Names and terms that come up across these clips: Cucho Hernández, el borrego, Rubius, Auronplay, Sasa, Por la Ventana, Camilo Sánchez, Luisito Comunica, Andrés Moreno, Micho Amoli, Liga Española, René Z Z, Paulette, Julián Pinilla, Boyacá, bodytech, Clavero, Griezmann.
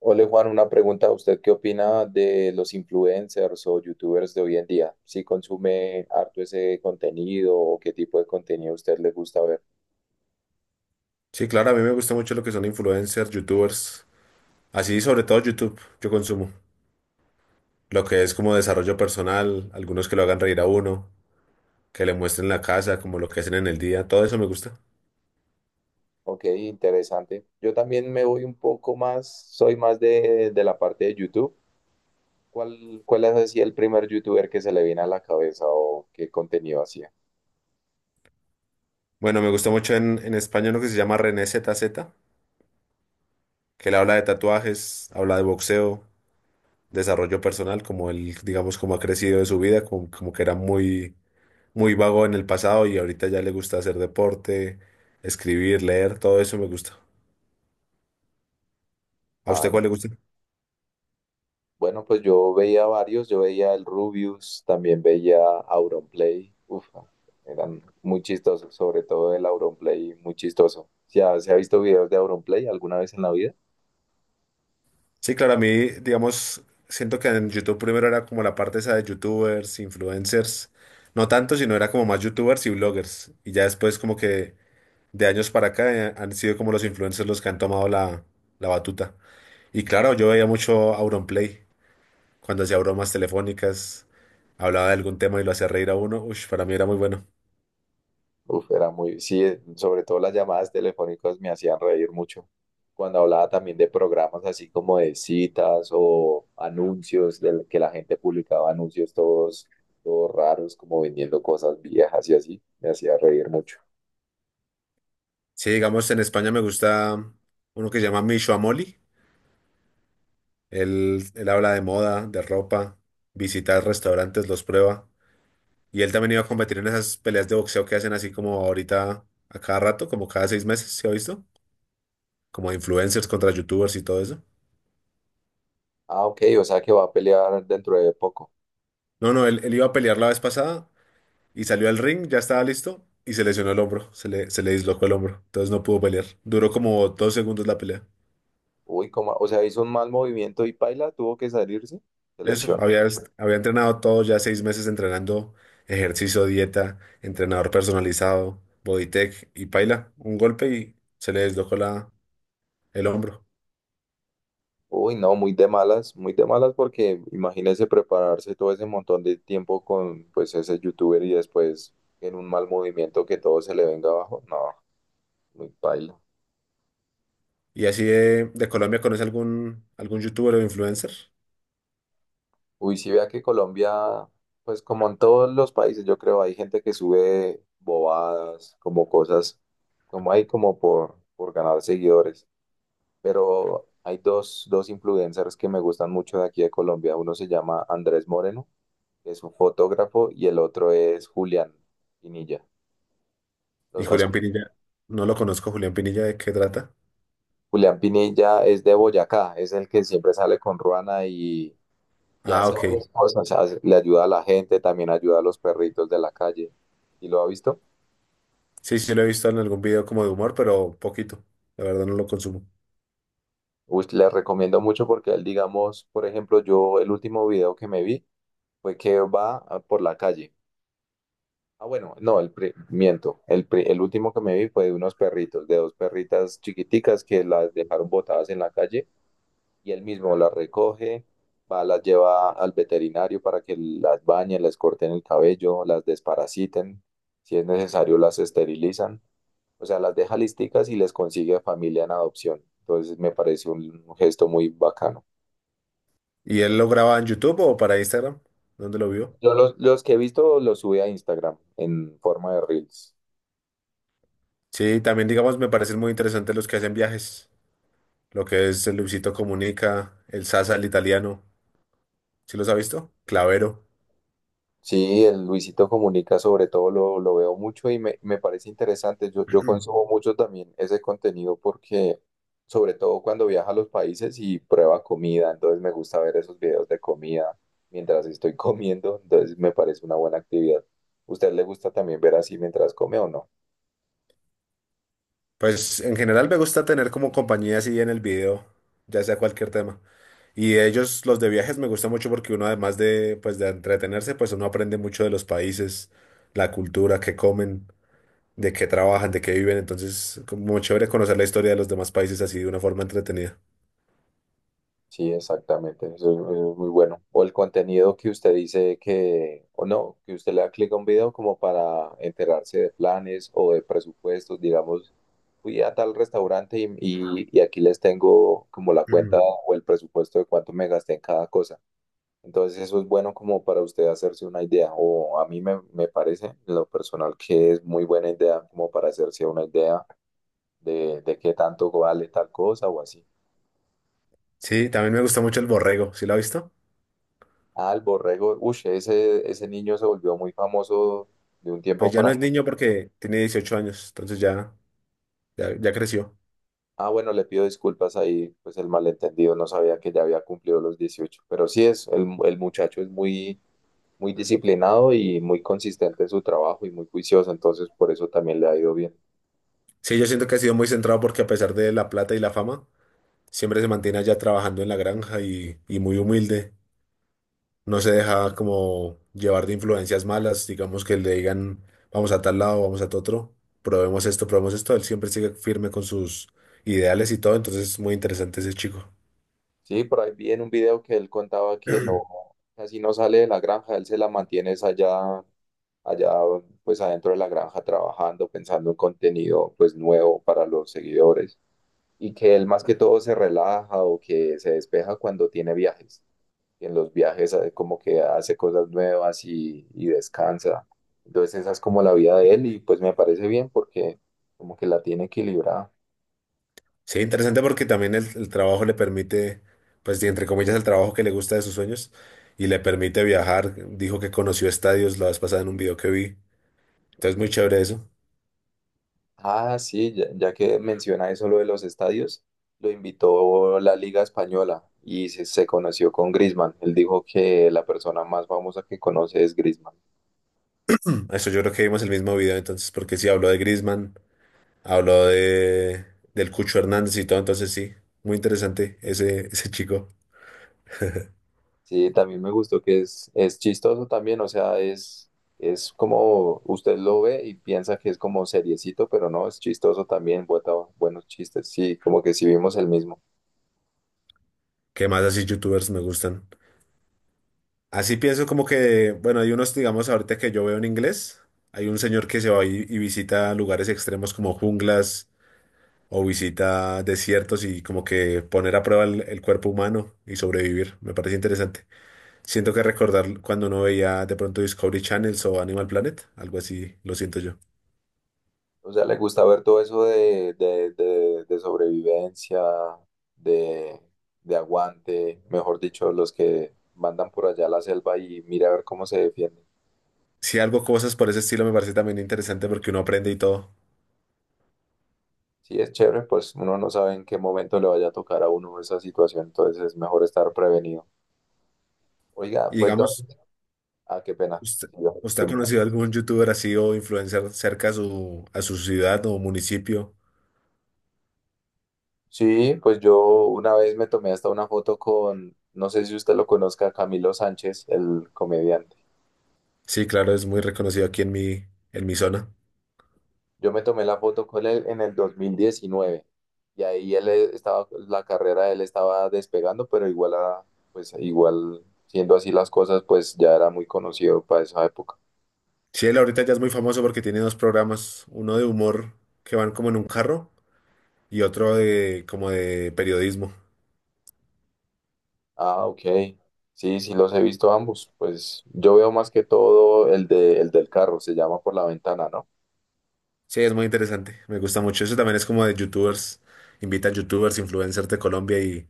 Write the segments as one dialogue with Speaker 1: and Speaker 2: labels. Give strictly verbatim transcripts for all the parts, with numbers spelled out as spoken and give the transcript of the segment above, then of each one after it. Speaker 1: Hola Juan, una pregunta. ¿Usted qué opina de los influencers o youtubers de hoy en día? ¿Si ¿consume harto ese contenido o qué tipo de contenido a usted le gusta ver?
Speaker 2: Sí, claro, a mí me gusta mucho lo que son influencers, youtubers, así sobre todo YouTube, yo consumo. Lo que es como desarrollo personal, algunos que lo hagan reír a uno, que le muestren la casa, como lo que hacen en el día, todo eso me gusta.
Speaker 1: Ok, interesante. Yo también me voy un poco más, soy más de, de la parte de YouTube. ¿Cuál, cuál es así el primer youtuber que se le viene a la cabeza o qué contenido hacía?
Speaker 2: Bueno, me gusta mucho en, en español lo que se llama René Z Z, que él habla de tatuajes, habla de boxeo, desarrollo personal, como él, digamos, como ha crecido de su vida, como, como que era muy, muy vago en el pasado y ahorita ya le gusta hacer deporte, escribir, leer, todo eso me gusta. ¿A usted
Speaker 1: Ah,
Speaker 2: cuál le gusta?
Speaker 1: bueno, pues yo veía varios, yo veía el Rubius, también veía Auronplay, uf, eran muy chistosos, sobre todo el Auronplay, muy chistoso. ¿Se ha, si ha visto videos de Auronplay alguna vez en la vida?
Speaker 2: Sí, claro, a mí, digamos, siento que en YouTube primero era como la parte esa de YouTubers, influencers, no tanto, sino era como más YouTubers y bloggers. Y ya después como que de años para acá eh, han sido como los influencers los que han tomado la, la batuta. Y claro, yo veía mucho Auronplay, cuando hacía bromas telefónicas, hablaba de algún tema y lo hacía reír a uno, uy, para mí era muy bueno.
Speaker 1: Uf, era muy, sí, eh, sobre todo las llamadas telefónicas me hacían reír mucho. Cuando hablaba también de programas así como de citas o anuncios, del que la gente publicaba anuncios todos, todos raros, como vendiendo cosas viejas y así, me hacía reír mucho.
Speaker 2: Sí, digamos, en España me gusta uno que se llama Micho Amoli, él, él habla de moda, de ropa, visita restaurantes, los prueba. Y él también iba a competir en esas peleas de boxeo que hacen así como ahorita, a cada rato, como cada seis meses, ¿se ha visto? Como influencers contra youtubers y todo eso.
Speaker 1: Ah, ok, o sea que va a pelear dentro de poco.
Speaker 2: No, no, él, él iba a pelear la vez pasada y salió al ring, ya estaba listo y se lesionó el hombro, se le, se le dislocó el hombro, entonces no pudo pelear. Duró como dos segundos la pelea.
Speaker 1: Uy, como, o sea, hizo un mal movimiento y Paila tuvo que salirse, se
Speaker 2: Eso,
Speaker 1: lesionó.
Speaker 2: había, había entrenado todo, ya seis meses entrenando ejercicio, dieta, entrenador personalizado, bodytech y paila, un golpe y se le deslocó la, el hombro.
Speaker 1: Uy, no, muy de malas, muy de malas, porque imagínese prepararse todo ese montón de tiempo con pues ese youtuber y después en un mal movimiento que todo se le venga abajo. No, muy Paila.
Speaker 2: Y así de, de Colombia, ¿conoce algún, algún youtuber o influencer?
Speaker 1: Uy, sí, vea que Colombia, pues como en todos los países, yo creo hay gente que sube bobadas, como cosas, como hay como por, por ganar seguidores. Pero hay dos, dos influencers que me gustan mucho de aquí de Colombia. Uno se llama Andrés Moreno, que es un fotógrafo, y el otro es Julián Pinilla.
Speaker 2: Y
Speaker 1: Los has-
Speaker 2: Julián Pinilla, no lo conozco, Julián Pinilla, ¿de qué trata?
Speaker 1: Julián Pinilla es de Boyacá, es el que siempre sale con Ruana y, y
Speaker 2: Ah,
Speaker 1: hace
Speaker 2: ok.
Speaker 1: varias cosas, hace- le ayuda a la gente, también ayuda a los perritos de la calle. ¿Y lo ha visto?
Speaker 2: Sí, sí, lo he visto en algún video como de humor, pero poquito. La verdad no lo consumo.
Speaker 1: Uy, le recomiendo mucho porque él, digamos, por ejemplo, yo el último video que me vi fue que va ah, por la calle. Ah, bueno, no, el pri- miento. El, pri- el último que me vi fue de unos perritos, de dos perritas chiquiticas que las dejaron botadas en la calle, y él mismo las recoge, va, las lleva al veterinario para que las bañen, les corten el cabello, las desparasiten, si es necesario las esterilizan, o sea, las deja listicas y les consigue familia en adopción. Entonces me parece un gesto muy bacano.
Speaker 2: ¿Y él lo graba en YouTube o para Instagram? ¿Dónde lo vio?
Speaker 1: Yo los, los que he visto los subí a Instagram en forma de reels.
Speaker 2: Sí, también digamos me parecen muy interesantes los que hacen viajes. Lo que es el Luisito Comunica, el Sasa, el italiano. ¿Sí los ha visto? Clavero.
Speaker 1: Sí, el Luisito Comunica sobre todo lo, lo veo mucho y me, me parece interesante. Yo, yo consumo mucho también ese contenido porque sobre todo cuando viaja a los países y prueba comida, entonces me gusta ver esos videos de comida mientras estoy comiendo, entonces me parece una buena actividad. ¿Usted le gusta también ver así mientras come o no?
Speaker 2: Pues en general me gusta tener como compañía así en el video, ya sea cualquier tema. Y de ellos, los de viajes, me gusta mucho porque uno además de, pues, de entretenerse, pues uno aprende mucho de los países, la cultura, qué comen, de qué trabajan, de qué viven. Entonces, como muy chévere conocer la historia de los demás países así de una forma entretenida.
Speaker 1: Sí, exactamente, eso es, eso es muy bueno. O el contenido que usted dice que, o no, que usted le da clic a un video como para enterarse de planes o de presupuestos, digamos, fui a tal restaurante y, y- y aquí les tengo como la
Speaker 2: Ujú.
Speaker 1: cuenta o el presupuesto de cuánto me gasté en cada cosa. Entonces eso es bueno como para usted hacerse una idea, o a mí me, me parece en lo personal que es muy buena idea como para hacerse una idea de, de qué tanto vale tal cosa o así.
Speaker 2: Sí, también me gusta mucho el borrego. ¿Sí lo ha visto?
Speaker 1: Ah, el borrego, uy, ese, ese niño se volvió muy famoso de un tiempo
Speaker 2: Pues ya
Speaker 1: para
Speaker 2: no es
Speaker 1: acá.
Speaker 2: niño porque tiene dieciocho años, entonces ya, ya, ya creció.
Speaker 1: Ah, bueno, le pido disculpas ahí, pues el malentendido, no sabía que ya había cumplido los dieciocho, pero sí es, el, el muchacho es muy muy disciplinado y muy consistente en su trabajo y muy juicioso, entonces por eso también le ha ido bien.
Speaker 2: Sí, yo siento que ha sido muy centrado porque a pesar de la plata y la fama, siempre se mantiene allá trabajando en la granja y, y muy humilde. No se deja como llevar de influencias malas, digamos que le digan, vamos a tal lado, vamos a tal otro, probemos esto, probemos esto. Él siempre sigue firme con sus ideales y todo, entonces es muy interesante ese chico.
Speaker 1: Sí, por ahí vi en un video que él contaba que no, casi no sale de la granja, él se la mantiene es allá, allá pues adentro de la granja trabajando, pensando en contenido pues nuevo para los seguidores, y que él más que todo se relaja o que se despeja cuando tiene viajes. Y en los viajes eh, como que hace cosas nuevas y, y descansa. Entonces esa es como la vida de él y pues me parece bien porque como que la tiene equilibrada.
Speaker 2: Sí, interesante porque también el, el trabajo le permite, pues y entre comillas, el trabajo que le gusta de sus sueños y le permite viajar. Dijo que conoció estadios la vez pasada en un video que vi. Entonces, muy chévere eso.
Speaker 1: Ah, sí, ya, ya que menciona eso lo de los estadios, lo invitó la Liga Española y se, se conoció con Griezmann. Él dijo que la persona más famosa que conoce es Griezmann.
Speaker 2: Eso yo creo que vimos el mismo video entonces, porque si habló de Griezmann. Habló de, del Cucho Hernández y todo, entonces sí, muy interesante ese, ese chico.
Speaker 1: Sí, también me gustó que es, es chistoso también, o sea, es, es como usted lo ve y piensa que es como seriecito, pero no, es chistoso también, bota buenos chistes, sí, como que sí vimos el mismo.
Speaker 2: ¿Qué más así youtubers me gustan? Así pienso como que, bueno, hay unos, digamos, ahorita que yo veo en inglés, hay un señor que se va y, y visita lugares extremos como junglas o visita desiertos y como que poner a prueba el, el cuerpo humano y sobrevivir. Me parece interesante. Siento que recordar cuando uno veía de pronto Discovery Channels o Animal Planet, algo así, lo siento yo.
Speaker 1: O sea, le gusta ver todo eso de, de, de, de sobrevivencia, de, de aguante, mejor dicho, los que mandan por allá a la selva y mira a ver cómo se defienden.
Speaker 2: Si algo, cosas por ese estilo me parece también interesante porque uno aprende y todo.
Speaker 1: Sí, es chévere, pues uno no sabe en qué momento le vaya a tocar a uno esa situación, entonces es mejor estar prevenido. Oiga,
Speaker 2: Y
Speaker 1: pues no.
Speaker 2: digamos,
Speaker 1: Ah, qué pena.
Speaker 2: ¿usted,
Speaker 1: Sí, yo-
Speaker 2: usted
Speaker 1: qué
Speaker 2: ha
Speaker 1: pena.
Speaker 2: conocido algún youtuber así o influencer cerca a su, a su ciudad o municipio?
Speaker 1: Sí, pues yo una vez me tomé hasta una foto con, no sé si usted lo conozca, Camilo Sánchez, el comediante.
Speaker 2: Sí, claro, es muy reconocido aquí en mi, en mi, zona.
Speaker 1: Yo me tomé la foto con él en el dos mil diecinueve, y ahí él e, estaba, la carrera de él estaba despegando, pero igual a, pues igual siendo así las cosas, pues ya era muy conocido para esa época.
Speaker 2: Sí, él ahorita ya es muy famoso porque tiene dos programas, uno de humor que van como en un carro y otro de como de periodismo.
Speaker 1: Ah, ok. Sí, sí los he visto ambos. Pues yo veo más que todo el de, el del carro, se llama Por la Ventana, ¿no?
Speaker 2: Sí, es muy interesante, me gusta mucho. Eso también es como de youtubers, invitan youtubers, influencers de Colombia y,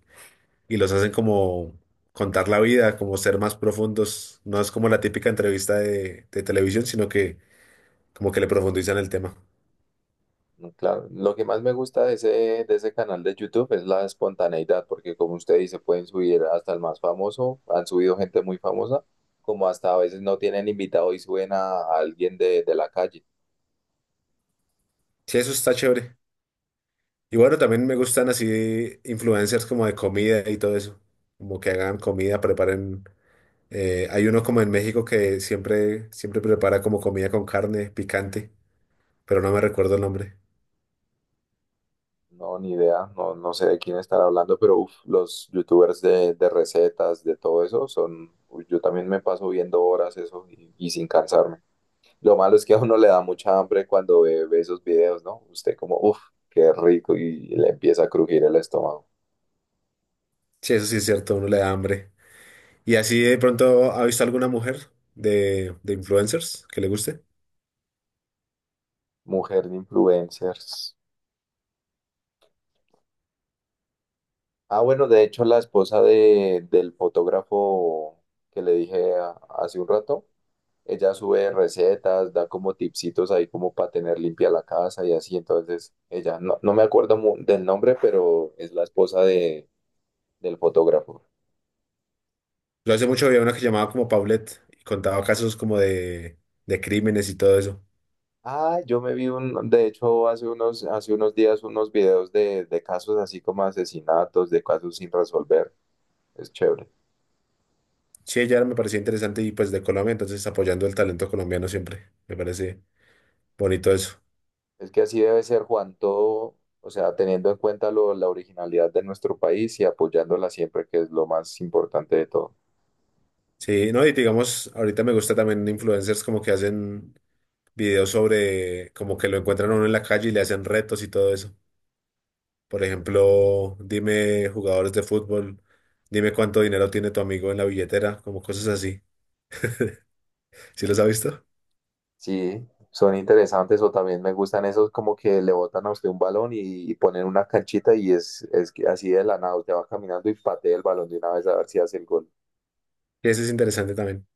Speaker 2: y los hacen como contar la vida, como ser más profundos. No es como la típica entrevista de, de televisión, sino que como que le profundizan el tema.
Speaker 1: No, claro, lo que más me gusta de ese, de ese canal de YouTube es la espontaneidad, porque como usted dice, pueden subir hasta el más famoso, han subido gente muy famosa, como hasta a veces no tienen invitado y suben a, a alguien de, de la calle.
Speaker 2: Sí, eso está chévere. Y bueno, también me gustan así influencers como de comida y todo eso, como que hagan comida, preparen. Eh, hay uno como en México que siempre, siempre prepara como comida con carne picante, pero no me recuerdo el nombre.
Speaker 1: No, ni idea, no, no sé de quién estar hablando, pero uf, los YouTubers de, de recetas, de todo eso, son, uy, yo también me paso viendo horas eso y, y sin cansarme. Lo malo es que a uno le da mucha hambre cuando ve, ve esos videos, ¿no? Usted como, uff, qué rico y le empieza a crujir el estómago.
Speaker 2: Sí, eso sí es cierto, a uno le da hambre. ¿Y así de pronto ha visto alguna mujer de, de, influencers que le guste?
Speaker 1: Mujer de influencers. Ah, bueno, de hecho la esposa de, del fotógrafo que le dije a- hace un rato, ella sube recetas, da como tipsitos ahí como para tener limpia la casa y así, entonces ella, no, no me acuerdo mu- del nombre, pero es la esposa de, del fotógrafo.
Speaker 2: Yo hace mucho había una que llamaba como Paulette y contaba casos como de, de crímenes y todo eso.
Speaker 1: Ah, yo me vi un, de hecho hace unos, hace unos días unos videos de, de casos así como asesinatos, de casos sin resolver, es chévere.
Speaker 2: Sí, ya me parecía interesante y pues de Colombia, entonces apoyando el talento colombiano siempre. Me parece bonito eso.
Speaker 1: Es que así debe ser, Juan, todo, o sea, teniendo en cuenta lo- la originalidad de nuestro país y apoyándola siempre, que es lo más importante de todo.
Speaker 2: Sí, no, y digamos, ahorita me gusta también influencers como que hacen videos sobre como que lo encuentran a uno en la calle y le hacen retos y todo eso. Por ejemplo, dime jugadores de fútbol, dime cuánto dinero tiene tu amigo en la billetera, como cosas así. ¿Sí los ha visto?
Speaker 1: Sí, son interesantes o también me gustan esos como que le botan a usted un balón y, y ponen una canchita y es, es que así de la nada, usted va caminando y patea el balón de una vez a ver si hace el gol.
Speaker 2: Y ese es interesante también.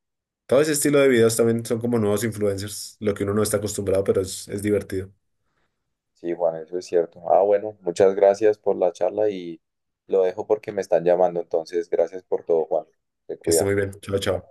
Speaker 2: Todo ese estilo de videos también son como nuevos influencers, lo que uno no está acostumbrado, pero es, es divertido.
Speaker 1: Sí, Juan, eso es cierto. Ah, bueno, muchas gracias por la charla, y lo dejo porque me están llamando, entonces gracias por todo, Juan. Te
Speaker 2: Que esté
Speaker 1: cuida.
Speaker 2: muy bien. Chao, chao.